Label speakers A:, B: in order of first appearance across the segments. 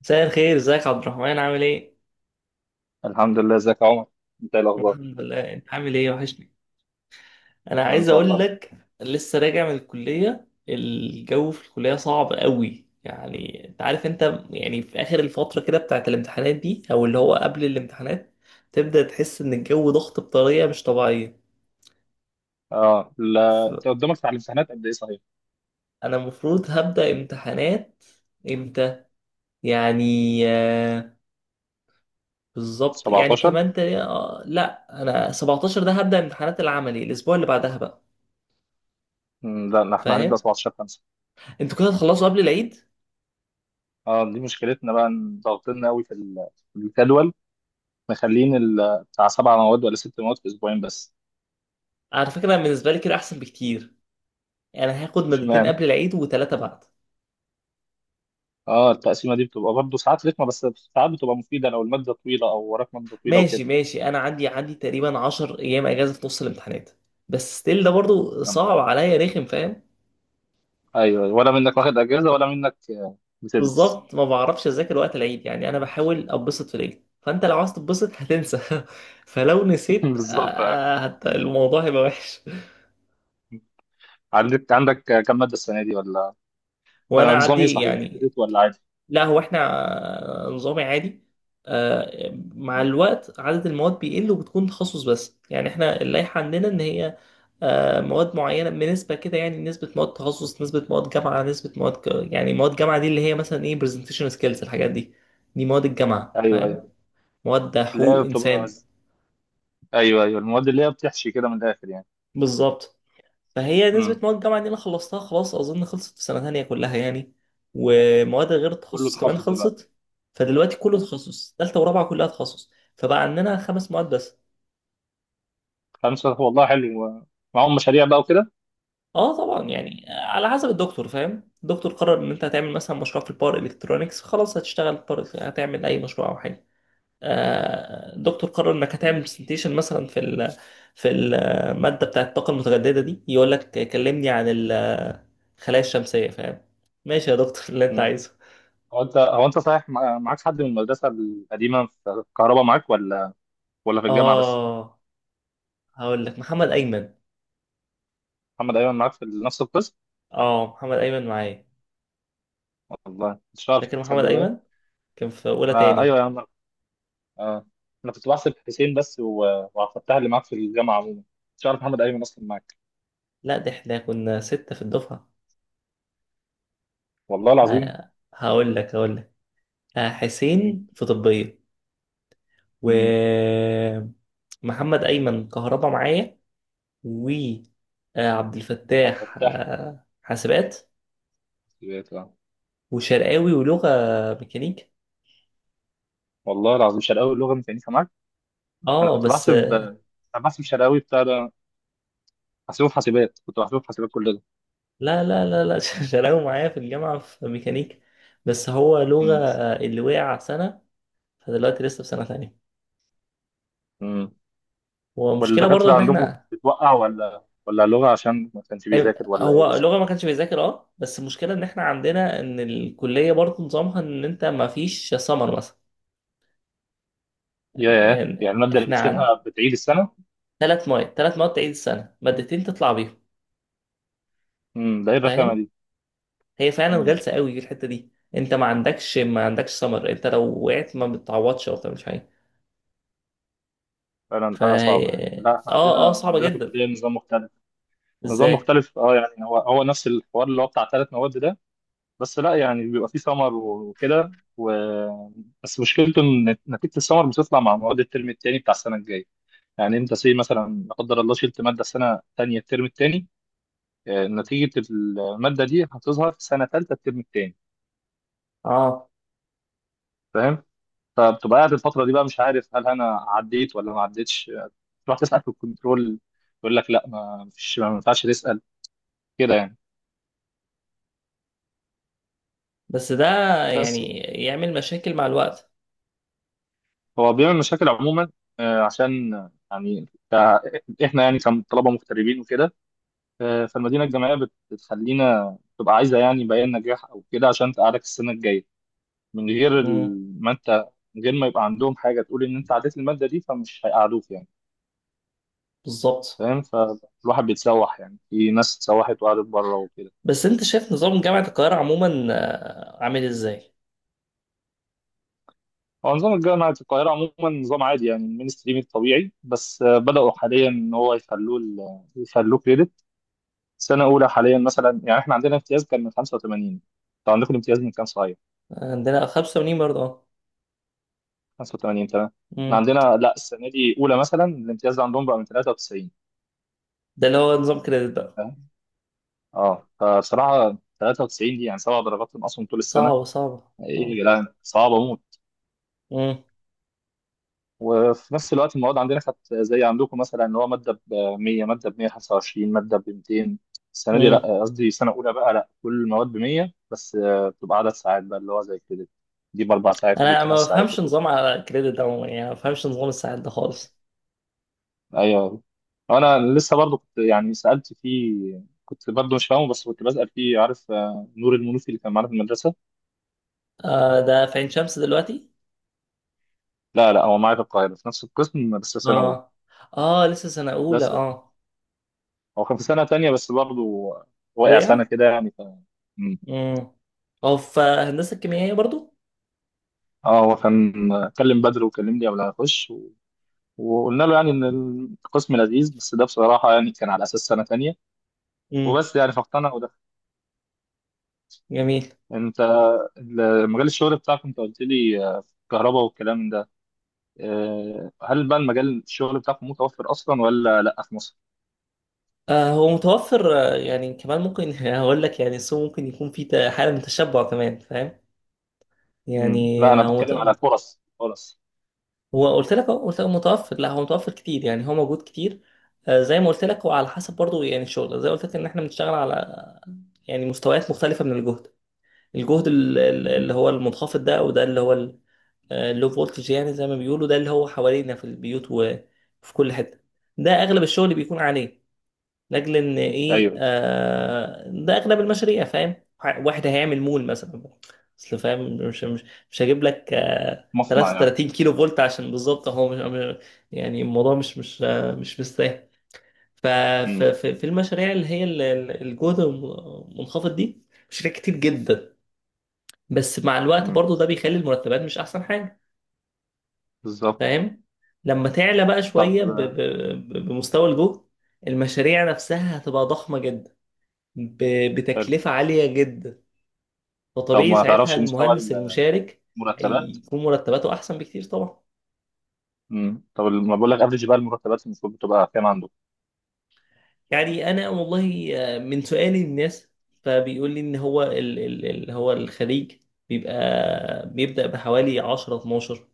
A: مساء الخير، ازيك يا عبد الرحمن؟ عامل ايه؟
B: الحمد لله، ازيك يا عمر؟ انت ايه الاخبار؟
A: الحمد لله، انت عامل ايه؟ وحشني. انا عايز
B: وانت
A: اقول
B: والله.
A: لك، لسه راجع من الكلية. الجو في الكلية صعب قوي. يعني انت عارف، انت يعني في اخر الفترة كده بتاعت الامتحانات دي، او اللي هو قبل الامتحانات، تبدأ تحس ان الجو ضغط بطريقة مش طبيعية.
B: اه، لا
A: فانا
B: انت قدامك على الامتحانات قد ايه صحيح؟
A: المفروض هبدأ امتحانات امتى؟ يعني آه، بالظبط. يعني
B: 17.
A: كمان لا، انا 17 ده هبدأ امتحانات العملي، الاسبوع اللي بعدها بقى.
B: مم، لا لا، احنا هنبدا
A: فاهم؟
B: 17 5.
A: انتوا كده هتخلصوا قبل العيد.
B: اه، دي مشكلتنا بقى ان ضاغطين قوي في في الجدول. مخلين بتاع 7 مواد ولا 6 مواد في اسبوعين بس.
A: على فكره أنا بالنسبه لي كده احسن بكتير. يعني هاخد مادتين
B: اشمعنى؟
A: قبل العيد وثلاثه بعد.
B: اه، التقسيمه دي بتبقى برضه ساعات رخمه، بس ساعات بتبقى مفيده لو الماده طويله او وراك ماده طويله
A: ماشي
B: وكده.
A: ماشي، انا عندي تقريبا 10 ايام اجازه في نص الامتحانات، بس ستيل ده برضو
B: يا نهار
A: صعب
B: أبيض.
A: عليا، رخم، فاهم؟
B: ايوه، ولا منك واخد اجازه ولا منك، بتدرس.
A: بالظبط، ما بعرفش اذاكر وقت العيد. يعني انا بحاول اتبسط في العيد، فانت لو عايز تتبسط هتنسى. فلو نسيت،
B: بالظبط.
A: الموضوع هيبقى وحش.
B: عندك كم ماده السنه دي ولا؟
A: وانا
B: فنظام ايه
A: عندي
B: صحيح،
A: يعني،
B: كريدت ولا عادي؟
A: لا هو احنا نظامي عادي. مع
B: مم.
A: الوقت عدد المواد بيقل وبتكون تخصص. بس يعني احنا اللائحة عندنا ان هي مواد معينة بنسبة كده. يعني نسبة مواد تخصص، نسبة مواد جامعة، نسبة مواد يعني مواد جامعة دي اللي هي مثلا ايه، presentation skills، الحاجات دي. دي مواد الجامعة،
B: ايوه،
A: فاهم؟
B: ايوه.
A: مواد
B: اللي هي
A: حقوق
B: بتبقى،
A: انسان.
B: ايوه، ايوه، المواد اللي هي بتحشي كده من الاخر يعني.
A: بالظبط. فهي نسبة
B: امم.
A: مواد الجامعة دي أنا خلصتها خلاص، أظن خلصت في سنة تانية كلها يعني. ومواد غير
B: كله
A: التخصص كمان
B: تخصص دلوقتي؟
A: خلصت. فدلوقتي كله تخصص، تالتة ورابعة كلها تخصص. فبقى عندنا خمس مواد بس.
B: خمسه؟ والله حلو. معاهم مشاريع بقى وكده؟
A: اه طبعا، يعني على حسب الدكتور، فاهم؟ الدكتور قرر ان انت هتعمل مثلا مشروع في الباور الكترونكس، خلاص هتشتغل باور، هتعمل اي مشروع او حاجه. الدكتور قرر انك هتعمل
B: مم.
A: برزنتيشن مثلا في ال في الماده بتاعه الطاقه المتجدده دي، يقول لك كلمني عن الخلايا الشمسيه، فاهم؟ ماشي يا دكتور، اللي انت
B: مم.
A: عايزه.
B: هو انت صحيح، معاك حد من المدرسه القديمه في الكهرباء، معاك ولا؟ ولا في الجامعه بس؟
A: اه هقول لك محمد ايمن.
B: محمد ايمن معاك في نفس القسم؟
A: اه محمد ايمن معايا.
B: والله مش عارف
A: فاكر محمد
B: تصدق بقى.
A: ايمن؟ كان في اولى
B: آه، ايوه
A: تاني.
B: يا عم. آه. انا كنت بحسب حسين بس وعبد الفتاح اللي معاك في الجامعه عموما. مش عارف محمد ايمن اصلا معاك.
A: لا، ده احنا كنا ستة في الدفعة.
B: والله العظيم.
A: هقول لك، حسين
B: امم،
A: في طبية، و محمد ايمن كهربا معايا، و عبد الفتاح
B: امم.
A: حاسبات،
B: سمعت، اه.
A: وشرقاوي ولغة ميكانيك.
B: والله العظيم؟ شرقاوي اللغه ما كانتش معاك؟ انا
A: اه
B: كنت
A: بس
B: بحسب انا بحسب شرقاوي بتاع ده. بحسبه في حاسبات كنت بحسبه في حاسبات كل ده.
A: لا لا لا لا، شرقاوي معايا في الجامعة في ميكانيك، بس هو لغة
B: امم،
A: اللي وقع سنة. فدلوقتي لسه في سنة تانية.
B: امم.
A: ومشكلة برضو
B: والدكاتره
A: ان
B: عندكم
A: احنا
B: بتوقع، ولا لغه عشان ما كانش بيذاكر؟ ولا ايه
A: هو
B: بالظبط؟
A: لغة ما كانش بيذاكر، اه. بس المشكلة ان احنا عندنا ان الكلية برضو نظامها ان انت ما فيش سمر مثلا.
B: ياه،
A: يعني
B: يعني الماده اللي
A: احنا عن
B: بتشيلها بتعيد السنه؟
A: ثلاث مواد تعيد السنة، مادتين تطلع بيهم.
B: امم. ده ايه الرخامه
A: فاهم؟
B: دي؟
A: هي فعلا
B: امم.
A: غلسة قوي في الحتة دي. انت ما عندكش سمر. انت لو وقعت ما بتعوضش او بتعملش حاجة.
B: فعلا
A: ف
B: حاجه صعبه، يعني لا احنا
A: اه اه
B: عندنا
A: صعبة
B: عندنا في
A: جدا.
B: الكليه نظام مختلف. نظام
A: ازاي؟
B: مختلف، اه، يعني هو هو نفس الحوار اللي هو بتاع 3 مواد ده. بس لا يعني بيبقى فيه سمر وكده بس مشكلته ان نتيجه السمر بتطلع مع مواد الترم الثاني بتاع السنه الجايه. يعني انت سي مثلا لا قدر الله شلت ماده السنه الثانيه الترم الثاني، نتيجه الماده دي هتظهر في سنه ثالثه الترم الثاني.
A: اه
B: فاهم؟ فبتبقى قاعد الفتره دي بقى مش عارف هل انا عديت ولا ما عديتش، تروح تسال في الكنترول، يقول لك لا ما فيش، ما ينفعش تسال كده يعني.
A: بس ده
B: بس
A: يعني يعمل مشاكل مع الوقت.
B: هو بيعمل مشاكل عموما، عشان يعني احنا يعني كطلبه مغتربين وكده. فالمدينة الجامعية بتخلينا تبقى عايزة يعني بيان نجاح أو كده عشان تقعدك السنة الجاية. من غير
A: امم،
B: ال- ما أنت من غير ما يبقى عندهم حاجة تقول إن أنت عديت المادة دي فمش هيقعدوك يعني.
A: بالظبط.
B: فاهم؟ فالواحد بيتسوح يعني، في ناس اتسوحت وقعدت بره وكده.
A: بس انت شايف نظام جامعة القاهرة عموما عامل ازاي؟
B: هو نظام الجامعة في القاهرة عموما نظام عادي، يعني المينستريم الطبيعي، بس بدأوا حاليا إن هو يخلوه يخلوه كريدت. سنة أولى حاليا مثلا، يعني إحنا عندنا امتياز كان من 85. أنتوا عندكم الامتياز من كام صحيح؟
A: عندنا 85 برضه، اه.
B: 85. تمام. احنا
A: مم.
B: عندنا لا، السنه دي اولى مثلا الامتياز عندهم بقى من 93.
A: ده اللي هو نظام كريدت بقى.
B: فاهم؟ اه، فبصراحه 93 دي يعني 7 درجات ناقصهم طول السنه.
A: صعب صعب،
B: ايه
A: اه.
B: يا جدعان، صعبه موت.
A: مم.
B: وفي نفس الوقت المواد عندنا كانت زي عندكم، مثلا ان هو ماده ب 100، ماده ب 125، ماده ب 200. السنه دي
A: مم.
B: لا، قصدي سنه اولى بقى، لا كل المواد ب 100، بس بتبقى عدد ساعات بقى اللي هو زي كده. دي ب4 ساعات ودي
A: انا
B: بثلاث
A: ما
B: ساعات
A: بفهمش نظام على كريدت ده عموما. يعني ما بفهمش نظام الساعات ده خالص.
B: ايوه. انا لسه برضو كنت يعني سالت فيه، كنت برضو مش فاهمه بس كنت بسال فيه. عارف نور المنوفي اللي كان معانا في المدرسه؟
A: آه، ده في عين شمس دلوقتي.
B: لا، لا، هو معايا في القاهره في نفس القسم بس في سنه اولى.
A: اه. اه لسه سنة أولى،
B: بس
A: اه.
B: هو كان في سنه تانية بس برضو، وقع
A: وقع.
B: سنه كده يعني. مم.
A: مم. هو في هندسة الكيميائية برضه.
B: اه، هو كان كلم بدر وكلم لي قبل ما اخش وقلنا له يعني ان القسم لذيذ، بس ده بصراحه يعني كان على اساس سنه تانية
A: مم.
B: وبس، يعني فاقتنع وده.
A: جميل.
B: انت، مجال الشغل بتاعك، انت قلت لي كهرباء والكلام ده. هل بقى المجال الشغل بتاعكم متوفر اصلا ولا لا في مصر؟
A: آه هو متوفر. يعني كمان ممكن هقول لك، يعني السوق ممكن يكون فيه حالة من التشبع كمان، فاهم؟
B: مم.
A: يعني
B: لا انا
A: هو مت...
B: بتكلم على فرص فرص.
A: هو قلت لك، قلت لك متوفر، لا هو متوفر كتير، يعني هو موجود كتير. زي ما قلت لك، هو على حسب برضه، يعني الشغل زي ما قلت لك ان احنا بنشتغل على يعني مستويات مختلفة من الجهد. الجهد
B: مم.
A: اللي هو المنخفض، ده وده اللي هو اللو فولتج يعني زي ما بيقولوا، ده اللي هو حوالينا في البيوت وفي كل حتة. ده اغلب الشغل بيكون عليه، لاجل ان ايه،
B: ايوه.
A: ده اغلب المشاريع، فاهم؟ واحد هيعمل مول مثلا، اصل فاهم، مش هجيب لك
B: مصنع يعني.
A: 33 كيلو فولت، عشان بالظبط هو يعني الموضوع مش مستاهل.
B: مم.
A: في المشاريع اللي هي الجهد المنخفض دي، مشاريع كتير جدا. بس مع الوقت
B: مم.
A: برضو ده بيخلي المرتبات مش احسن حاجة،
B: بالظبط.
A: فاهم؟ لما تعلى بقى
B: طب
A: شوية بمستوى الجهد، المشاريع نفسها هتبقى ضخمة جدا،
B: حلو.
A: بتكلفة عالية جدا.
B: طب
A: فطبيعي
B: ما
A: ساعتها
B: تعرفش مستوى
A: المهندس المشارك
B: المرتبات؟
A: هيكون مرتباته أحسن بكتير طبعا.
B: مم. طب ما بقول لك افريج بقى، المرتبات المفروض بتبقى كام عنده؟
A: يعني أنا والله من سؤالي للناس، فبيقول لي إن هو اللي هو الخليج بيبقى بيبدأ بحوالي 10 12،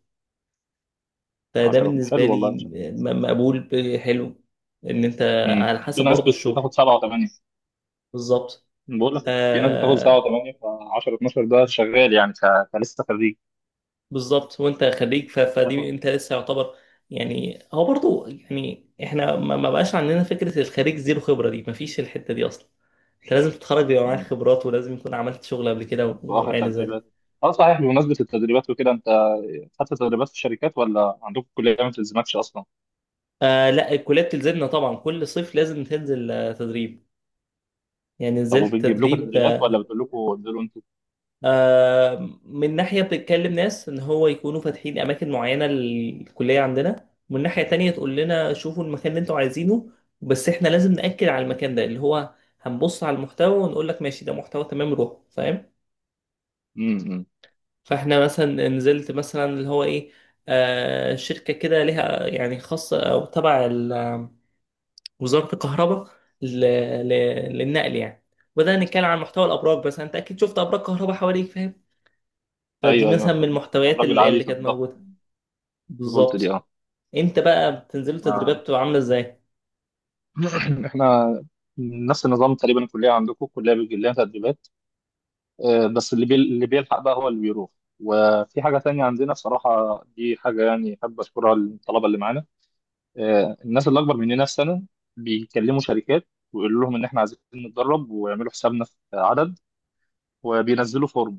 A: فده
B: 10
A: بالنسبة
B: حلو،
A: لي
B: والله مش عارف.
A: مقبول، حلو، إن أنت
B: مم.
A: على
B: في
A: حسب
B: ناس
A: برضه الشغل.
B: بتاخد 7 و8.
A: بالظبط.
B: بقول لك في ناس بتاخد 7
A: آه،
B: و8، ف 10 12 ده شغال يعني كلسه خريج.
A: بالظبط، وانت خريج، فدي
B: تاخد،
A: انت لسه يعتبر. يعني هو برضو، يعني احنا ما بقاش عندنا فكرة الخريج زيرو خبرة دي، ما فيش الحتة دي اصلا. انت لازم تتخرج بيبقى معاك خبرات، ولازم يكون عملت شغل قبل كده
B: واخد
A: وما الى ذلك.
B: تدريبات. اه صحيح، بمناسبة التدريبات وكده انت، حتى تدريبات في الشركات ولا عندكم الكليه ما بتلزمكش اصلا؟
A: آه لا، الكلية بتلزمنا طبعا. كل صيف لازم تنزل تدريب. يعني
B: طب
A: نزلت
B: وبتجيب لكم
A: تدريب.
B: تدريبات ولا بتقول لكم انزلوا انتوا؟
A: من ناحية بتتكلم ناس إن هو يكونوا فاتحين أماكن معينة للكلية عندنا، ومن ناحية تانية تقول لنا شوفوا المكان اللي أنتوا عايزينه، بس إحنا لازم نأكد على المكان ده، اللي هو هنبص على المحتوى ونقول لك ماشي، ده محتوى تمام، روح، فاهم؟
B: امم.
A: فإحنا مثلا نزلت مثلا اللي هو إيه، شركة كده لها يعني خاصة أو تبع وزارة الكهرباء، ل- للنقل يعني. بدأنا نتكلم عن محتوى الأبراج، بس أنت أكيد شفت أبراج كهرباء حواليك، فاهم؟ فدي
B: ايوه، ايوه،
A: مثلا من
B: فاهم. طب
A: المحتويات
B: راجل
A: اللي,
B: عالي
A: اللي
B: في
A: كانت
B: الضغط
A: موجودة.
B: فولت دي،
A: بالظبط.
B: اه.
A: انت بقى بتنزلوا تدريبات
B: ما-
A: بتبقى عاملة ازاي؟
B: احنا نفس النظام تقريبا، الكليه عندكم الكليه بيجي لها تدريبات. بس اللي بيلحق بقى هو اللي بيروح. وفي حاجه تانية عندنا بصراحه، دي حاجه يعني احب اشكرها للطلبه اللي معانا. الناس اللي اكبر مننا بسنه بيكلموا شركات ويقولوا لهم ان احنا عايزين نتدرب ويعملوا حسابنا في عدد، وبينزلوا فورم.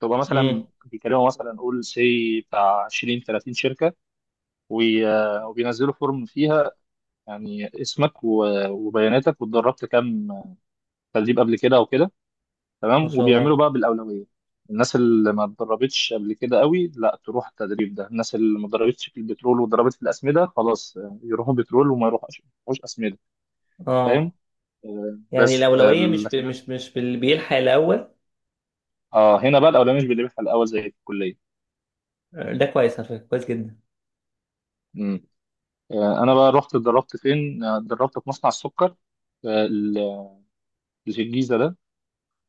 B: تبقى
A: امم.
B: مثلا بيكلموا مثلا قول سي بتاع 20 30 شركه، وبينزلوا فورم فيها يعني اسمك وبياناتك، واتدربت كام تدريب قبل كده او كده.
A: ما
B: تمام،
A: شاء
B: وبيعملوا
A: الله.
B: بقى بالاولويه. الناس اللي ما اتدربتش قبل كده قوي، لا تروح التدريب ده الناس اللي ما اتدربتش في البترول واتدربت في الاسمده، خلاص يروحوا بترول، وما يروحوش اسمده. فاهم؟
A: اه
B: آه،
A: يعني
B: بس آه،
A: الأولوية مش ب...
B: لكن
A: مش مش باللي بيلحق الأول.
B: اه هنا بقى الاولويه مش بنربحها الاول زي في الكليه.
A: ده كويس على فكرة، كويس جدا.
B: انا بقى رحت اتدربت فين؟ اتدربت في مصنع السكر اللي في الجيزه ده.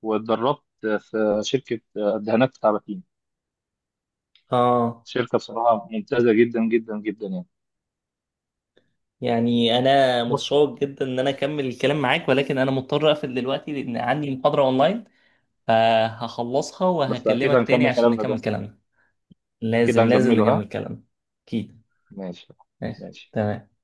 B: واتدربت في شركه الدهانات بتاع باتين.
A: اه
B: شركه بصراحه ممتازه جدا جدا جدا يعني.
A: يعني انا
B: بص،
A: متشوق جدا ان انا اكمل الكلام معاك، ولكن انا مضطر اقفل دلوقتي لان عندي محاضرة اونلاين، فهخلصها
B: بس كده
A: وهكلمك تاني
B: هنكمل
A: عشان
B: كلامنا ده؟
A: نكمل كلامنا. لازم
B: كده
A: لازم
B: هنكمله ها؟
A: نكمل كلامنا. اكيد.
B: ماشي،
A: ماشي.
B: ماشي.
A: تمام.